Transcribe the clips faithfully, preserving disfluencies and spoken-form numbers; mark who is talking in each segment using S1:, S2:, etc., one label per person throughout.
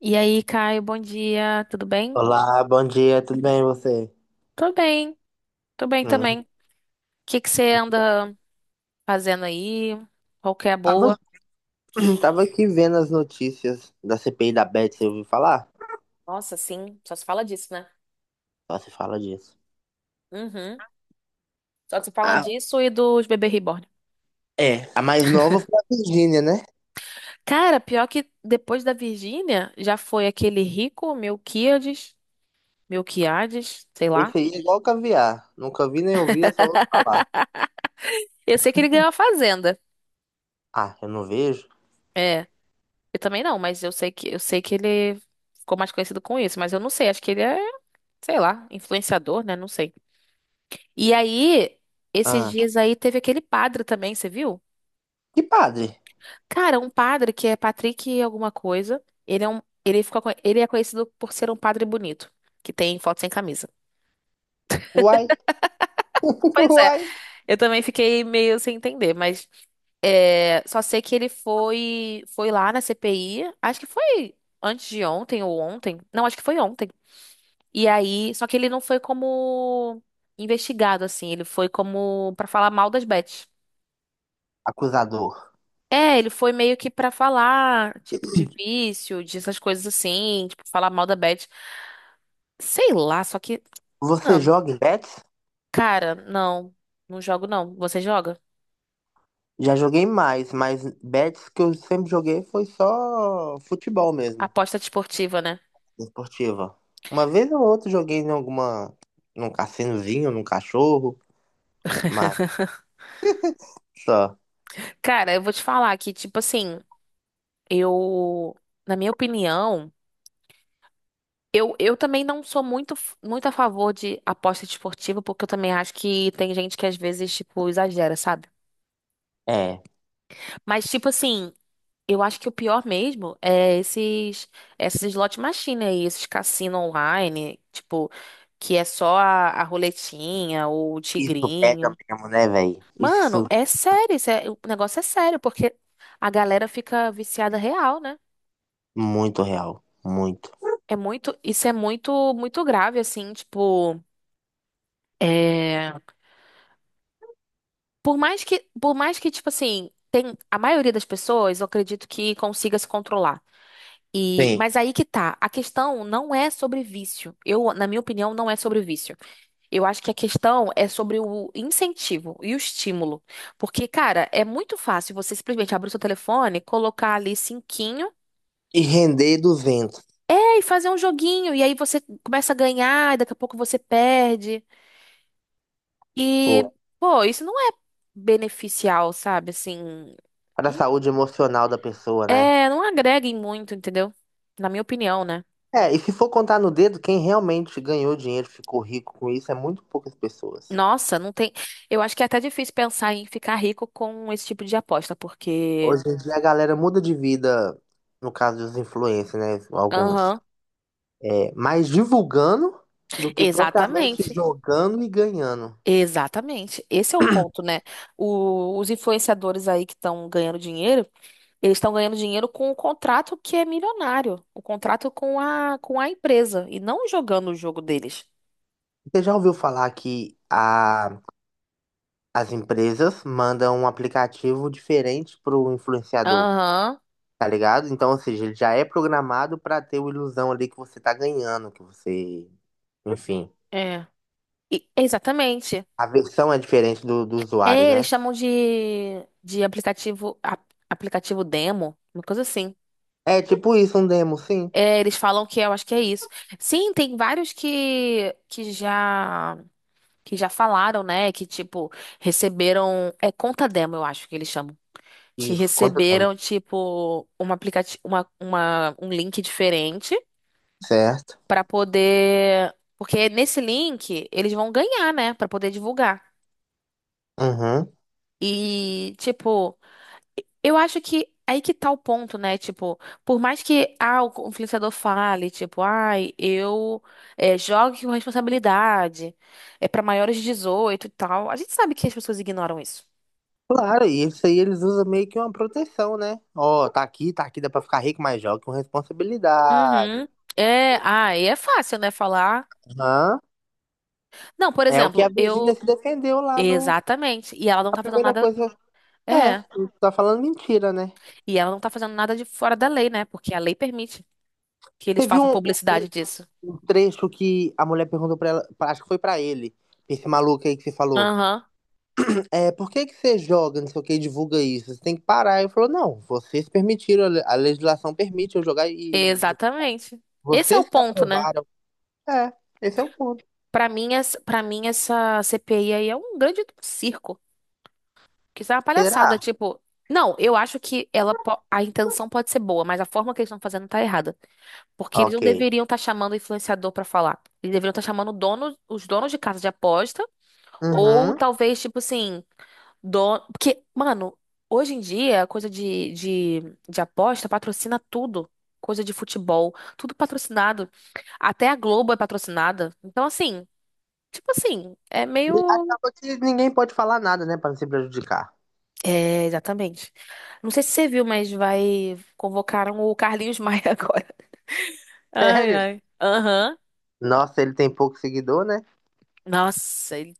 S1: E aí, Caio, bom dia, tudo bem?
S2: Olá, bom dia, tudo bem e você?
S1: Tô bem, tô bem
S2: Hum.
S1: também. O que que você anda fazendo aí? Qual que é a
S2: Tava,
S1: boa?
S2: tava aqui vendo as notícias da C P I da Beth, você ouviu falar?
S1: Nossa, sim, só se fala disso, né?
S2: Só se fala disso.
S1: Uhum. Só se fala
S2: Ah,
S1: disso e dos bebê reborn.
S2: é. A mais nova foi a Virgínia, né?
S1: Cara, pior que depois da Virgínia, já foi aquele rico Melquiades, Melquiades, sei
S2: Esse
S1: lá.
S2: aí é igual caviar. Nunca vi nem ouvi, eu só ouço falar.
S1: Eu sei que ele ganhou a fazenda.
S2: Ah, eu não vejo?
S1: É, eu também não, mas eu sei que eu sei que ele ficou mais conhecido com isso, mas eu não sei, acho que ele é, sei lá, influenciador, né? Não sei. E aí, esses
S2: Ah,
S1: dias aí teve aquele padre também, você viu?
S2: que padre?
S1: Cara, um padre que é Patrick alguma coisa. Ele é um, ele ficou, co- ele é conhecido por ser um padre bonito, que tem foto sem camisa.
S2: Uai,
S1: Pois é,
S2: uai.
S1: eu também fiquei meio sem entender, mas é, só sei que ele foi, foi lá na C P I, acho que foi antes de ontem ou ontem. Não, acho que foi ontem. E aí, só que ele não foi como investigado assim, ele foi como pra falar mal das Bets.
S2: Acusador,
S1: É, ele foi meio que pra falar, tipo, de vício, de essas coisas assim, tipo, falar mal da Beth. Sei lá, só que,
S2: você
S1: mano,
S2: joga em bets?
S1: cara, não, não jogo não. Você joga?
S2: Já joguei mais, mas bets que eu sempre joguei foi só futebol mesmo.
S1: Aposta desportiva, né?
S2: Esportiva. Uma vez ou outra joguei em alguma, num cassinozinho, num cachorro, mas só.
S1: Cara, eu vou te falar que, tipo assim, eu, na minha opinião, eu, eu também não sou muito, f- muito a favor de aposta desportiva, porque eu também acho que tem gente que às vezes, tipo, exagera, sabe?
S2: É.
S1: Mas, tipo assim, eu acho que o pior mesmo é esses, esses slot machine aí, esses cassino online, tipo, que é só a, a roletinha ou o
S2: Isso pega
S1: tigrinho.
S2: mesmo, né, velho?
S1: Mano,
S2: Isso
S1: é sério, isso é- o negócio é sério, porque a galera fica viciada real, né?
S2: muito real. Muito.
S1: É muito, isso é muito, muito grave, assim, tipo, é, por mais que, por mais que, tipo assim, tem, a maioria das pessoas, eu acredito que consiga se controlar. E,
S2: Sim.
S1: mas aí que tá. A questão não é sobre vício. Eu, na minha opinião, não é sobre vício. Eu acho que a questão é sobre o incentivo e o estímulo. Porque, cara, é muito fácil você simplesmente abrir o seu telefone, colocar ali cinquinho,
S2: E render duzentos,
S1: é, e fazer um joguinho. E aí você começa a ganhar, e daqui a pouco você perde. E,
S2: pô.
S1: pô, isso não é beneficial, sabe? Assim,
S2: Para a
S1: não-
S2: saúde emocional da pessoa, né?
S1: é, não agrega em muito, entendeu? Na minha opinião, né?
S2: É, e se for contar no dedo, quem realmente ganhou dinheiro, ficou rico com isso, é muito poucas pessoas.
S1: Nossa, não tem. Eu acho que é até difícil pensar em ficar rico com esse tipo de aposta, porque.
S2: Hoje em dia a galera muda de vida, no caso dos influencers, né? Alguns.
S1: Aham,
S2: É, mais divulgando do que propriamente
S1: exatamente.
S2: jogando e ganhando.
S1: Exatamente. Esse é o ponto, né? O- os influenciadores aí que estão ganhando dinheiro, eles estão ganhando dinheiro com o contrato que é milionário, o contrato com a, com a empresa, e não jogando o jogo deles.
S2: Você já ouviu falar que a, as empresas mandam um aplicativo diferente para o influenciador,
S1: Aham,
S2: tá ligado? Então, ou seja, ele já é programado para ter uma ilusão ali que você tá ganhando, que você, enfim,
S1: é. E- exatamente.
S2: a versão é diferente do, do usuário,
S1: É, eles
S2: né?
S1: chamam de, de aplicativo, ap- aplicativo demo, uma coisa assim.
S2: É tipo isso, um demo, sim.
S1: É, eles falam que é, eu acho que é isso. Sim, tem vários que, que já que já falaram, né? Que tipo receberam é conta demo, eu acho que eles chamam, que
S2: Isso, quanto tempo?
S1: receberam tipo um aplicativo, uma, uma um link diferente
S2: Certo.
S1: pra poder, porque nesse link eles vão ganhar, né? Pra poder divulgar.
S2: Uhum.
S1: E tipo, eu acho que é aí que tá o ponto, né? Tipo, por mais que ah, o influenciador fale, tipo, ai, eu é, jogue com responsabilidade, é pra maiores de dezoito e tal, a gente sabe que as pessoas ignoram isso.
S2: Claro, e isso aí eles usam meio que uma proteção, né? Ó, tá aqui, tá aqui, dá pra ficar rico, mas joga com responsabilidade.
S1: Uhum. É, ah, e é fácil, né, falar.
S2: Aham.
S1: Não, por
S2: É o que a
S1: exemplo,
S2: Virgínia
S1: eu.
S2: se defendeu lá no.
S1: Exatamente. E ela não
S2: A
S1: tá fazendo
S2: primeira
S1: nada.
S2: coisa. É,
S1: É.
S2: tá falando mentira, né?
S1: E ela não tá fazendo nada de fora da lei, né? Porque a lei permite que eles
S2: Teve
S1: façam
S2: um, um- um
S1: publicidade disso.
S2: um trecho que a mulher perguntou pra ela, acho que foi pra ele, esse maluco aí que você falou.
S1: Aham.
S2: É, por que que você joga, não sei o que, e divulga isso? Você tem que parar. Ele falou, não, vocês permitiram, a le- a legislação permite eu jogar e divulgar.
S1: Exatamente. Esse é o
S2: Vocês que
S1: ponto, né?
S2: aprovaram. É, esse é o ponto.
S1: Pra mim, essa, pra mim, essa C P I aí é um grande circo. Que isso é uma palhaçada.
S2: Será?
S1: Tipo, não, eu acho que ela, po- a intenção pode ser boa, mas a forma que eles estão fazendo tá errada. Porque eles não
S2: Ok.
S1: deveriam estar chamando o influenciador pra falar. Eles deveriam estar chamando o dono, os donos de casa de aposta. Ou
S2: Uhum.
S1: talvez, tipo assim, dono. Porque, mano, hoje em dia, a coisa de, de, de aposta patrocina tudo. Coisa de futebol, tudo patrocinado. Até a Globo é patrocinada. Então, assim, tipo assim, é
S2: E
S1: meio.
S2: acaba que ninguém pode falar nada, né? Pra não se prejudicar.
S1: É, exatamente. Não sei se você viu, mas vai convocaram o Carlinhos Maia agora. Ai,
S2: Sério?
S1: ai. Aham.
S2: Nossa, ele tem pouco seguidor, né?
S1: Nossa, ele-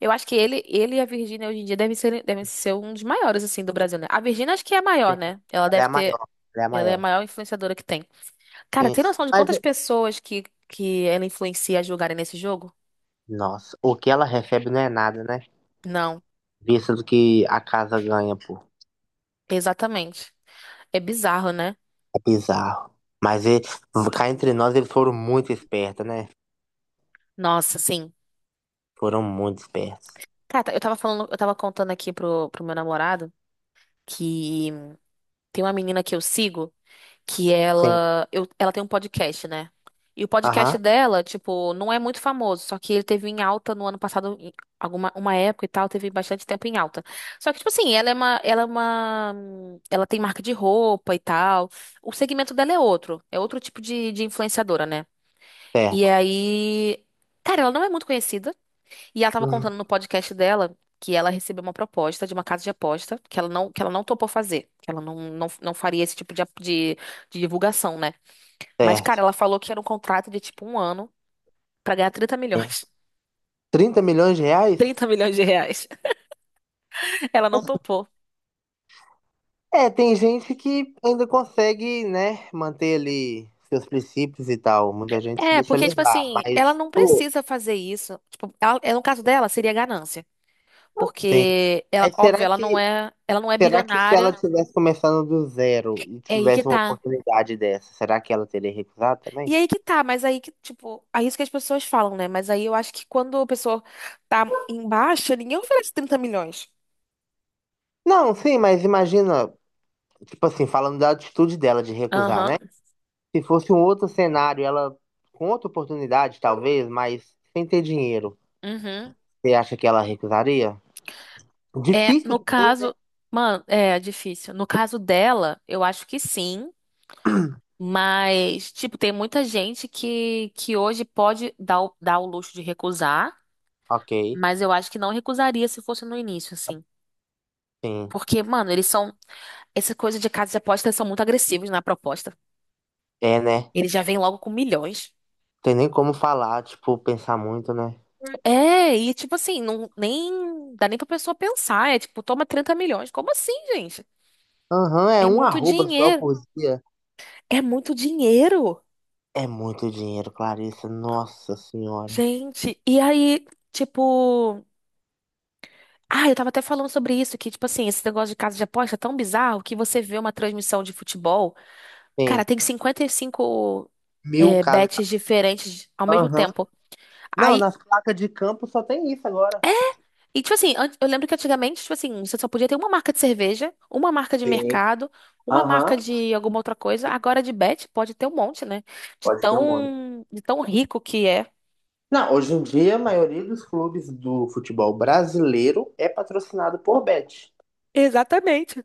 S1: eu acho que ele, ele e a Virgínia hoje em dia devem ser, devem ser um dos maiores, assim, do Brasil, né? A Virgínia acho que é a maior,
S2: Sim,
S1: né? Ela
S2: ela é
S1: deve
S2: a
S1: ter.
S2: maior. Ela é a
S1: Ela é a
S2: maior.
S1: maior influenciadora que tem. Cara,
S2: Sim.
S1: tem noção de
S2: Mas,
S1: quantas pessoas que, que ela influencia a jogarem nesse jogo?
S2: nossa, o que ela recebe não é nada, né?
S1: Não,
S2: Visto do que a casa ganha, pô.
S1: exatamente. É bizarro, né?
S2: É bizarro. Mas ele, cá entre nós, eles foram muito espertos, né?
S1: Nossa, sim.
S2: Foram muito espertos.
S1: Cara, eu tava falando, eu tava contando aqui pro, pro meu namorado que tem uma menina que eu sigo. que
S2: Sim.
S1: ela, eu, ela tem um podcast, né? E o podcast
S2: Aham.
S1: dela, tipo, não é muito famoso, só que ele teve em alta no ano passado, em alguma uma época e tal, teve bastante tempo em alta. Só que, tipo assim, ela é uma, ela é uma, ela tem marca de roupa e tal. O segmento dela é outro, é outro tipo de, de influenciadora, né? E
S2: Certo.
S1: aí, cara, ela não é muito conhecida. E ela tava
S2: Uhum.
S1: contando no podcast dela que ela recebeu uma proposta de uma casa de aposta que ela não, que ela não topou fazer, que ela não, não, não faria esse tipo de, ap- de, de divulgação, né? Mas, cara,
S2: Certo.
S1: ela falou que era um contrato de tipo um ano pra ganhar trinta
S2: É.
S1: milhões.
S2: 30 milhões de reais?
S1: Trinta milhões de reais. Ela não topou.
S2: É, tem gente que ainda consegue, né, manter ali seus princípios e tal. Muita gente se
S1: É,
S2: deixa
S1: porque, tipo
S2: levar,
S1: assim, ela
S2: mas,
S1: não
S2: pô,
S1: precisa fazer isso. Tipo, ela, é, no caso dela, seria ganância.
S2: sim.
S1: Porque, ela,
S2: Mas
S1: óbvio,
S2: será
S1: ela não
S2: que,
S1: é, ela não é
S2: será que se ela
S1: bilionária.
S2: tivesse começando do zero e
S1: É aí que
S2: tivesse uma
S1: tá.
S2: oportunidade dessa, será que ela teria recusado também?
S1: E aí que tá, mas aí que, tipo, aí isso que as pessoas falam, né? Mas aí eu acho que quando a pessoa tá embaixo, ninguém oferece trinta milhões.
S2: Não, sim, mas imagina, tipo assim, falando da atitude dela de recusar, né?
S1: Aham.
S2: Se fosse um outro cenário, ela com outra oportunidade, talvez, mas sem ter dinheiro,
S1: Uhum.
S2: você acha que ela recusaria?
S1: É,
S2: Difícil
S1: no
S2: também, né?
S1: caso, mano, é difícil. No caso dela, eu acho que sim, mas tipo, tem muita gente que que hoje pode dar o, dar o luxo de recusar,
S2: Ok,
S1: mas eu acho que não recusaria se fosse no início, assim.
S2: sim.
S1: Porque, mano, eles são essa coisa de casas de apostas são muito agressivos na proposta.
S2: É, né?
S1: Eles já vêm logo com milhões.
S2: Tem nem como falar, tipo, pensar muito, né?
S1: É, e tipo assim, não nem dá nem pra pessoa pensar. É tipo, toma trinta milhões. Como assim, gente?
S2: Aham, é
S1: É
S2: um
S1: muito
S2: arroba só
S1: dinheiro.
S2: por dia.
S1: É muito dinheiro.
S2: É muito dinheiro, Clarissa. Nossa senhora.
S1: Gente, e aí, tipo. Ah, eu tava até falando sobre isso, que, tipo assim, esse negócio de casa de aposta é tão bizarro que você vê uma transmissão de futebol.
S2: Tem
S1: Cara, tem cinquenta e cinco
S2: mil
S1: é, bets
S2: casas.
S1: diferentes ao mesmo
S2: Aham.
S1: tempo.
S2: Não,
S1: Aí.
S2: nas placas de campo só tem isso agora.
S1: E, tipo assim, an- eu lembro que antigamente, tipo assim, você só podia ter uma marca de cerveja, uma marca de
S2: Sim.
S1: mercado, uma
S2: Aham.
S1: marca de alguma outra coisa. Agora de bet pode ter um monte, né? De
S2: Pode ter um monte.
S1: tão, de tão rico que é.
S2: Não, hoje em dia a maioria dos clubes do futebol brasileiro é patrocinado por Bet.
S1: Exatamente.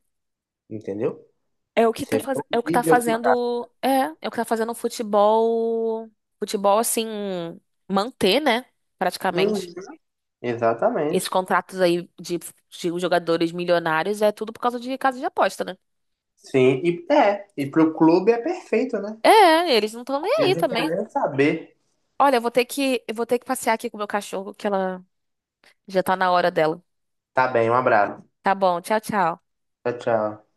S2: Entendeu?
S1: É o que tá,
S2: Seja
S1: faz...
S2: o
S1: é o que tá
S2: vídeo que tá.
S1: fazendo. É, é o que tá fazendo o futebol. Futebol, assim, manter, né?
S2: Uhum,
S1: Praticamente. Esses
S2: exatamente.
S1: contratos aí de, de jogadores milionários é tudo por causa de casa de aposta, né?
S2: Sim, e é. E pro clube é perfeito, né?
S1: É, eles não estão nem aí
S2: Eles não
S1: também.
S2: querem nem saber.
S1: Olha, eu vou ter que, eu vou ter que passear aqui com o meu cachorro, que ela já tá na hora dela.
S2: Tá bem, um abraço.
S1: Tá bom, tchau, tchau.
S2: Tchau, tchau.